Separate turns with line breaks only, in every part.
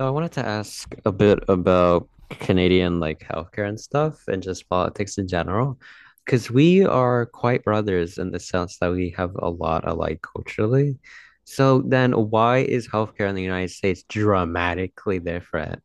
So I wanted to ask a bit about Canadian healthcare and stuff and just politics in general, because we are quite brothers in the sense that we have a lot alike culturally. So then why is healthcare in the United States dramatically different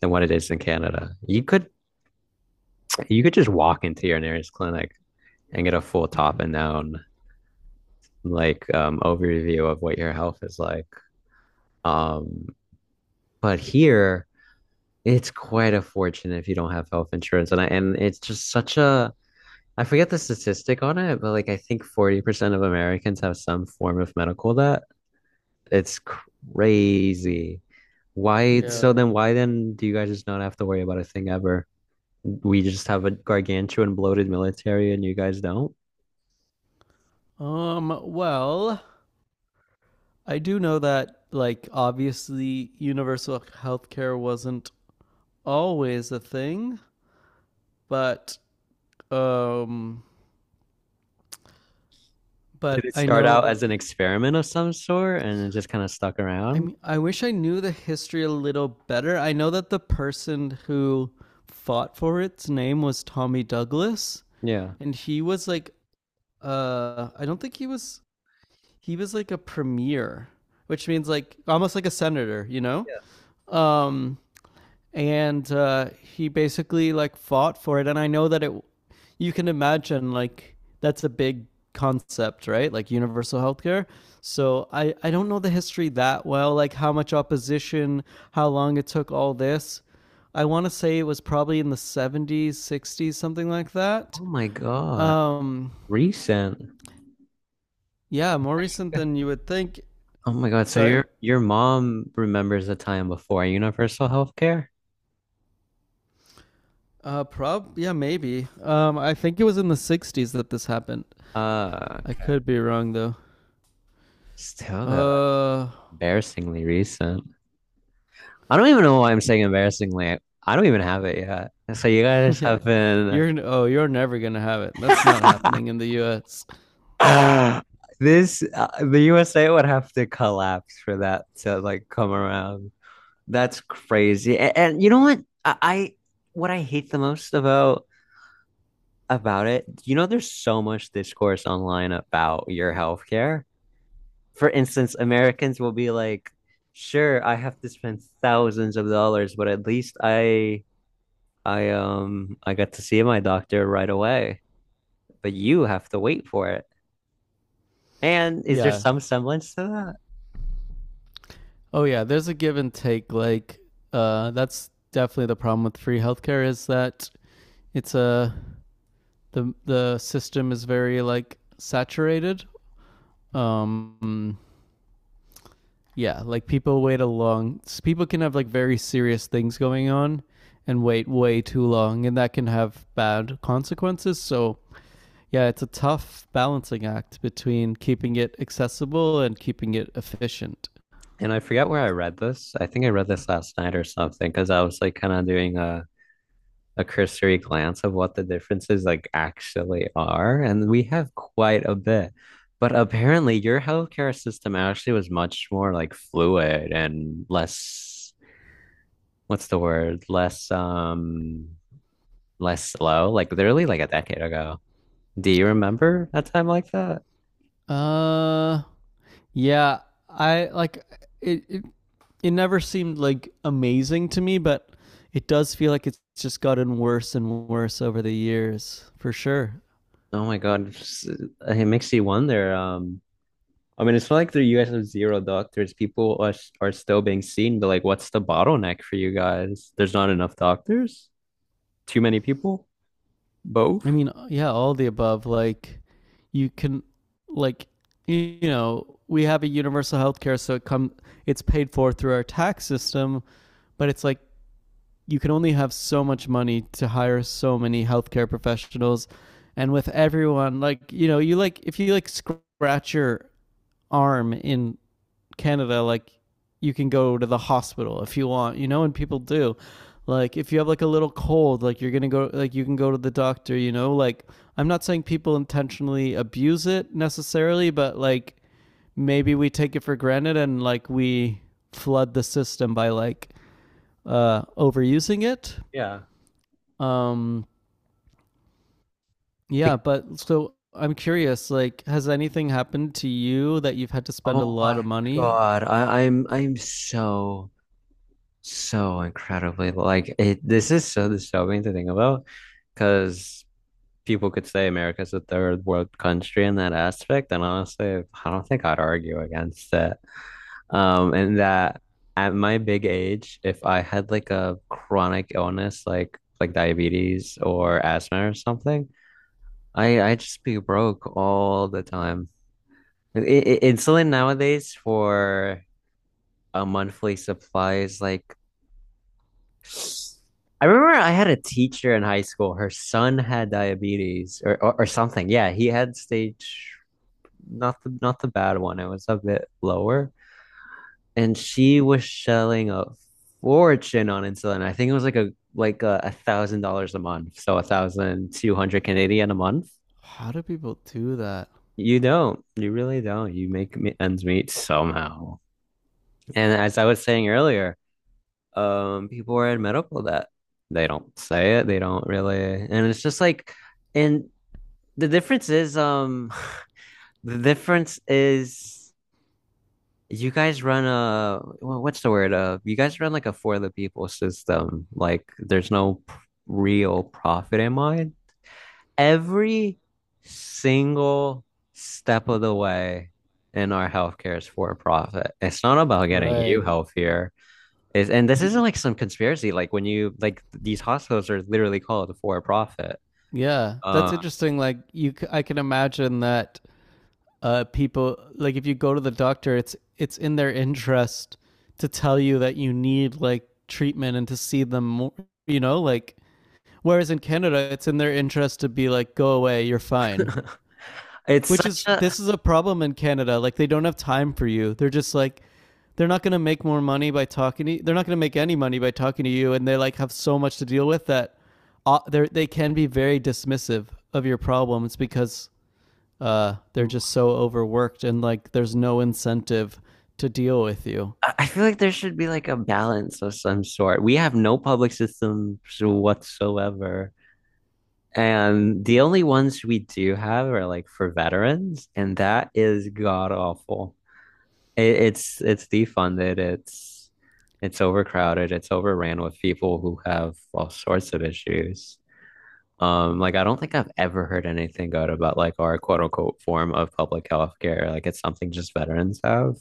than what it is in Canada? You could just walk into your nearest clinic and get a full top and down like overview of what your health is like. Um, but here, it's quite a fortune if you don't have health insurance. And it's just such a, I forget the statistic on it, but like I think 40% of Americans have some form of medical debt. It's crazy. Why,
Yeah.
so Yeah. then why then do you guys just not have to worry about a thing ever? We just have a gargantuan bloated military and you guys don't?
Well, I do know that, like, obviously universal healthcare wasn't always a thing, but, um,
Did
but
it
I
start
know
out
that,
as an experiment of some sort and it just kind of stuck
I
around?
mean, I wish I knew the history a little better. I know that the person who fought for its name was Tommy Douglas,
Yeah.
and he was like, I don't think he was like a premier, which means like almost like a senator, you know? Um, and He basically like fought for it. And I know that it, you can imagine like that's a big concept, right? Like universal healthcare. So I don't know the history that well, like how much opposition, how long it took, all this. I want to say it was probably in the 70s, 60s, something like that.
Oh my God.
Um,
Recent.
yeah, more recent than you would think.
Oh my God. So
Sorry.
your mom remembers the time before universal healthcare?
Prob Yeah, maybe. I think it was in the 60s that this happened. I
Okay.
could be wrong though.
Still though, that's
Uh,
embarrassingly recent. I don't even know why I'm saying embarrassingly. I don't even have it yet. So you guys
yeah.
have been
You're never gonna have it. That's not happening in the U.S.
this the USA would have to collapse for that to like come around. That's crazy. And you know what? I, what I hate the most about it, you know, there's so much discourse online about your healthcare. For instance, Americans will be like, "Sure, I have to spend thousands of dollars, but at least I got to see my doctor right away. But you have to wait for it." And is there
Yeah.
some semblance to that?
Oh, yeah. There's a give and take. That's definitely the problem with free healthcare is that it's a the system is very like saturated. Um, yeah. Like people wait a long. People can have like very serious things going on and wait way too long, and that can have bad consequences. So yeah, it's a tough balancing act between keeping it accessible and keeping it efficient.
And I forget where I read this. I think I read this last night or something because I was like kind of doing a cursory glance of what the differences like actually are, and we have quite a bit. But apparently, your healthcare system actually was much more like fluid and less, what's the word? Less less slow, like literally like a decade ago. Do you remember a time like that?
Uh, yeah, I like it. It, it never seemed like amazing to me, but it does feel like it's just gotten worse and worse over the years, for sure.
Oh my God, it makes you wonder. I mean, it's not like the US have zero doctors. People are still being seen, but like, what's the bottleneck for you guys? There's not enough doctors? Too many people? Both?
I mean, yeah, all the above. You can, like, you know, we have a universal health care, so it's paid for through our tax system, but it's like you can only have so much money to hire so many healthcare professionals, and with everyone, like, you know, you like if you like scratch your arm in Canada, like you can go to the hospital if you want, you know, and people do. Like if you have like a little cold, like you're going to go, like you can go to the doctor, you know, like I'm not saying people intentionally abuse it necessarily, but like maybe we take it for granted and like we flood the system by like overusing it.
Yeah.
um, yeah,
Like,
but so I'm curious, like, has anything happened to you that you've had to spend a
oh
lot
my
of money?
God, I'm so so incredibly like it. This is so disturbing to think about because people could say America's a third world country in that aspect, and honestly, I don't think I'd argue against that. And that at my big age, if I had like a chronic illness like diabetes or asthma or something, I just be broke all the time. Insulin nowadays for a monthly supply is like, I remember I had a teacher in high school. Her son had diabetes or something. Yeah, he had stage, not the bad one. It was a bit lower. And she was selling a fortune on insulin. I think it was like a thousand dollars a month, so 1,200 Canadian a month.
How do people do that?
You don't, you really don't. You make ends meet somehow. And as I was saying earlier, people are in medical debt. They don't say it. They don't really, and it's just like, and the difference is, the difference is, you guys run a what's the word? You guys run like a for the people system. Like there's no real profit in mind. Every single step of the way in our healthcare is for profit. It's not about getting you
Right.
healthier. It's, and this
Y-
isn't like some conspiracy. Like when you like these hospitals are literally called for profit.
Yeah, that's
Uh,
interesting. I can imagine that people, like, if you go to the doctor, it's in their interest to tell you that you need like treatment and to see them more, you know, like. Whereas in Canada, it's in their interest to be like, go away, you're fine.
it's
Which
such
is
a,
this is a problem in Canada. Like they don't have time for you. They're just like they're not going to make more money by talking to you. They're not going to make any money by talking to you, and they like have so much to deal with that they can be very dismissive of your problems because they're just so overworked and like there's no incentive to deal with you.
I feel like there should be like a balance of some sort. We have no public systems whatsoever. And the only ones we do have are like for veterans, and that is god awful. It's defunded, it's overcrowded, it's overran with people who have all sorts of issues. Like I don't think I've ever heard anything good about like our quote unquote form of public health care. Like it's something just veterans have.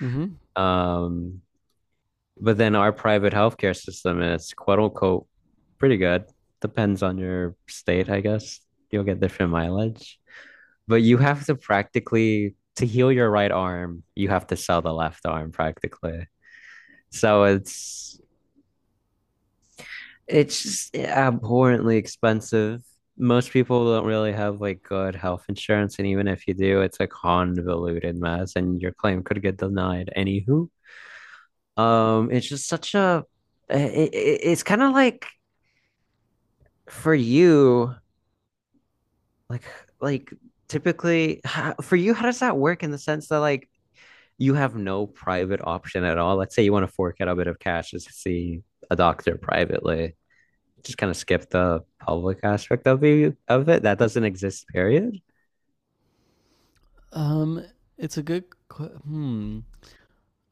hmm
Um, but then our private healthcare system is quote unquote pretty good. Depends on your state, I guess. You'll get different mileage. But you have to practically, to heal your right arm, you have to sell the left arm practically. So it's it's just abhorrently expensive. Most people don't really have like good health insurance, and even if you do, it's a convoluted mess, and your claim could get denied. Anywho, it's just such a, it's kind of like, for you, like like typically how, for you, how does that work in the sense that like you have no private option at all? Let's say you want to fork out a bit of cash just to see a doctor privately. Just kind of skip the public aspect of you of it. That doesn't exist, period.
Um, it's a good. Qu- hmm.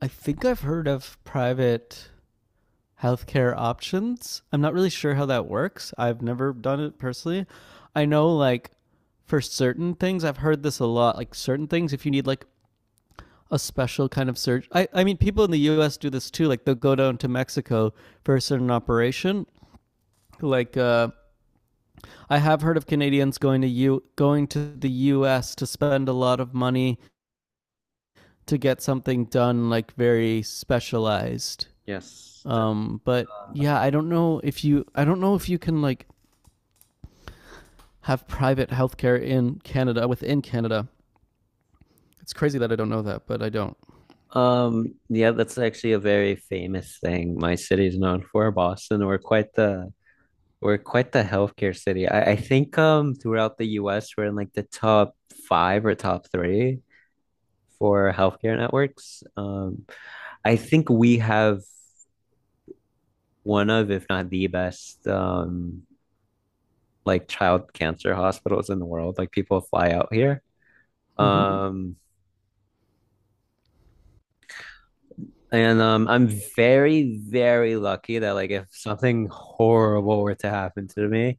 I think I've heard of private healthcare options. I'm not really sure how that works. I've never done it personally. I know like for certain things, I've heard this a lot. Like certain things, if you need like a special kind of surgery, I mean, people in the U.S. do this too. Like they'll go down to Mexico for a certain operation. Like uh, I have heard of Canadians going to the U.S. to spend a lot of money to get something done like very specialized.
Yes.
But yeah, I don't know if you can like have private healthcare in Canada, within Canada. It's crazy that I don't know that, but I don't.
Yeah, that's actually a very famous thing my city is known for, Boston. We're quite the, we're quite the healthcare city. I think throughout the US we're in like the top five or top three for healthcare networks. I think we have one of, if not the best, like child cancer hospitals in the world. Like people fly out here. Mhm.
Mm-hmm.
And I'm very, very lucky that like if something horrible were to happen to me,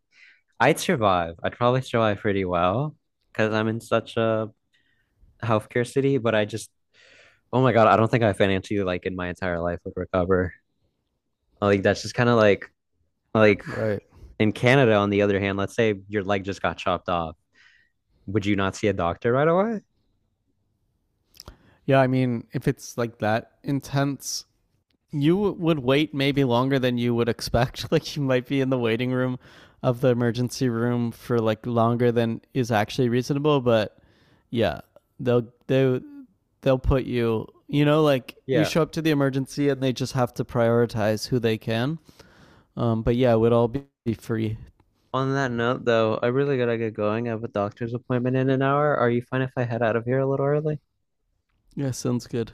I'd survive. I'd probably survive pretty well because I'm in such a healthcare city, but I just, oh my God, I don't think I financially, like, in my entire life would recover. Like, that's just kind of like
Right.
in Canada, on the other hand, let's say your leg just got chopped off. Would you not see a doctor right away?
Yeah, I mean, if it's like that intense, you would wait maybe longer than you would expect. Like, you might be in the waiting room of the emergency room for like longer than is actually reasonable. But yeah, they'll they they'll put you. You know, like you
Yeah.
show up to the emergency and they just have to prioritize who they can. But yeah, it would all be free.
On that note, though, I really gotta get going. I have a doctor's appointment in an hour. Are you fine if I head out of here a little early?
Yeah, sounds good.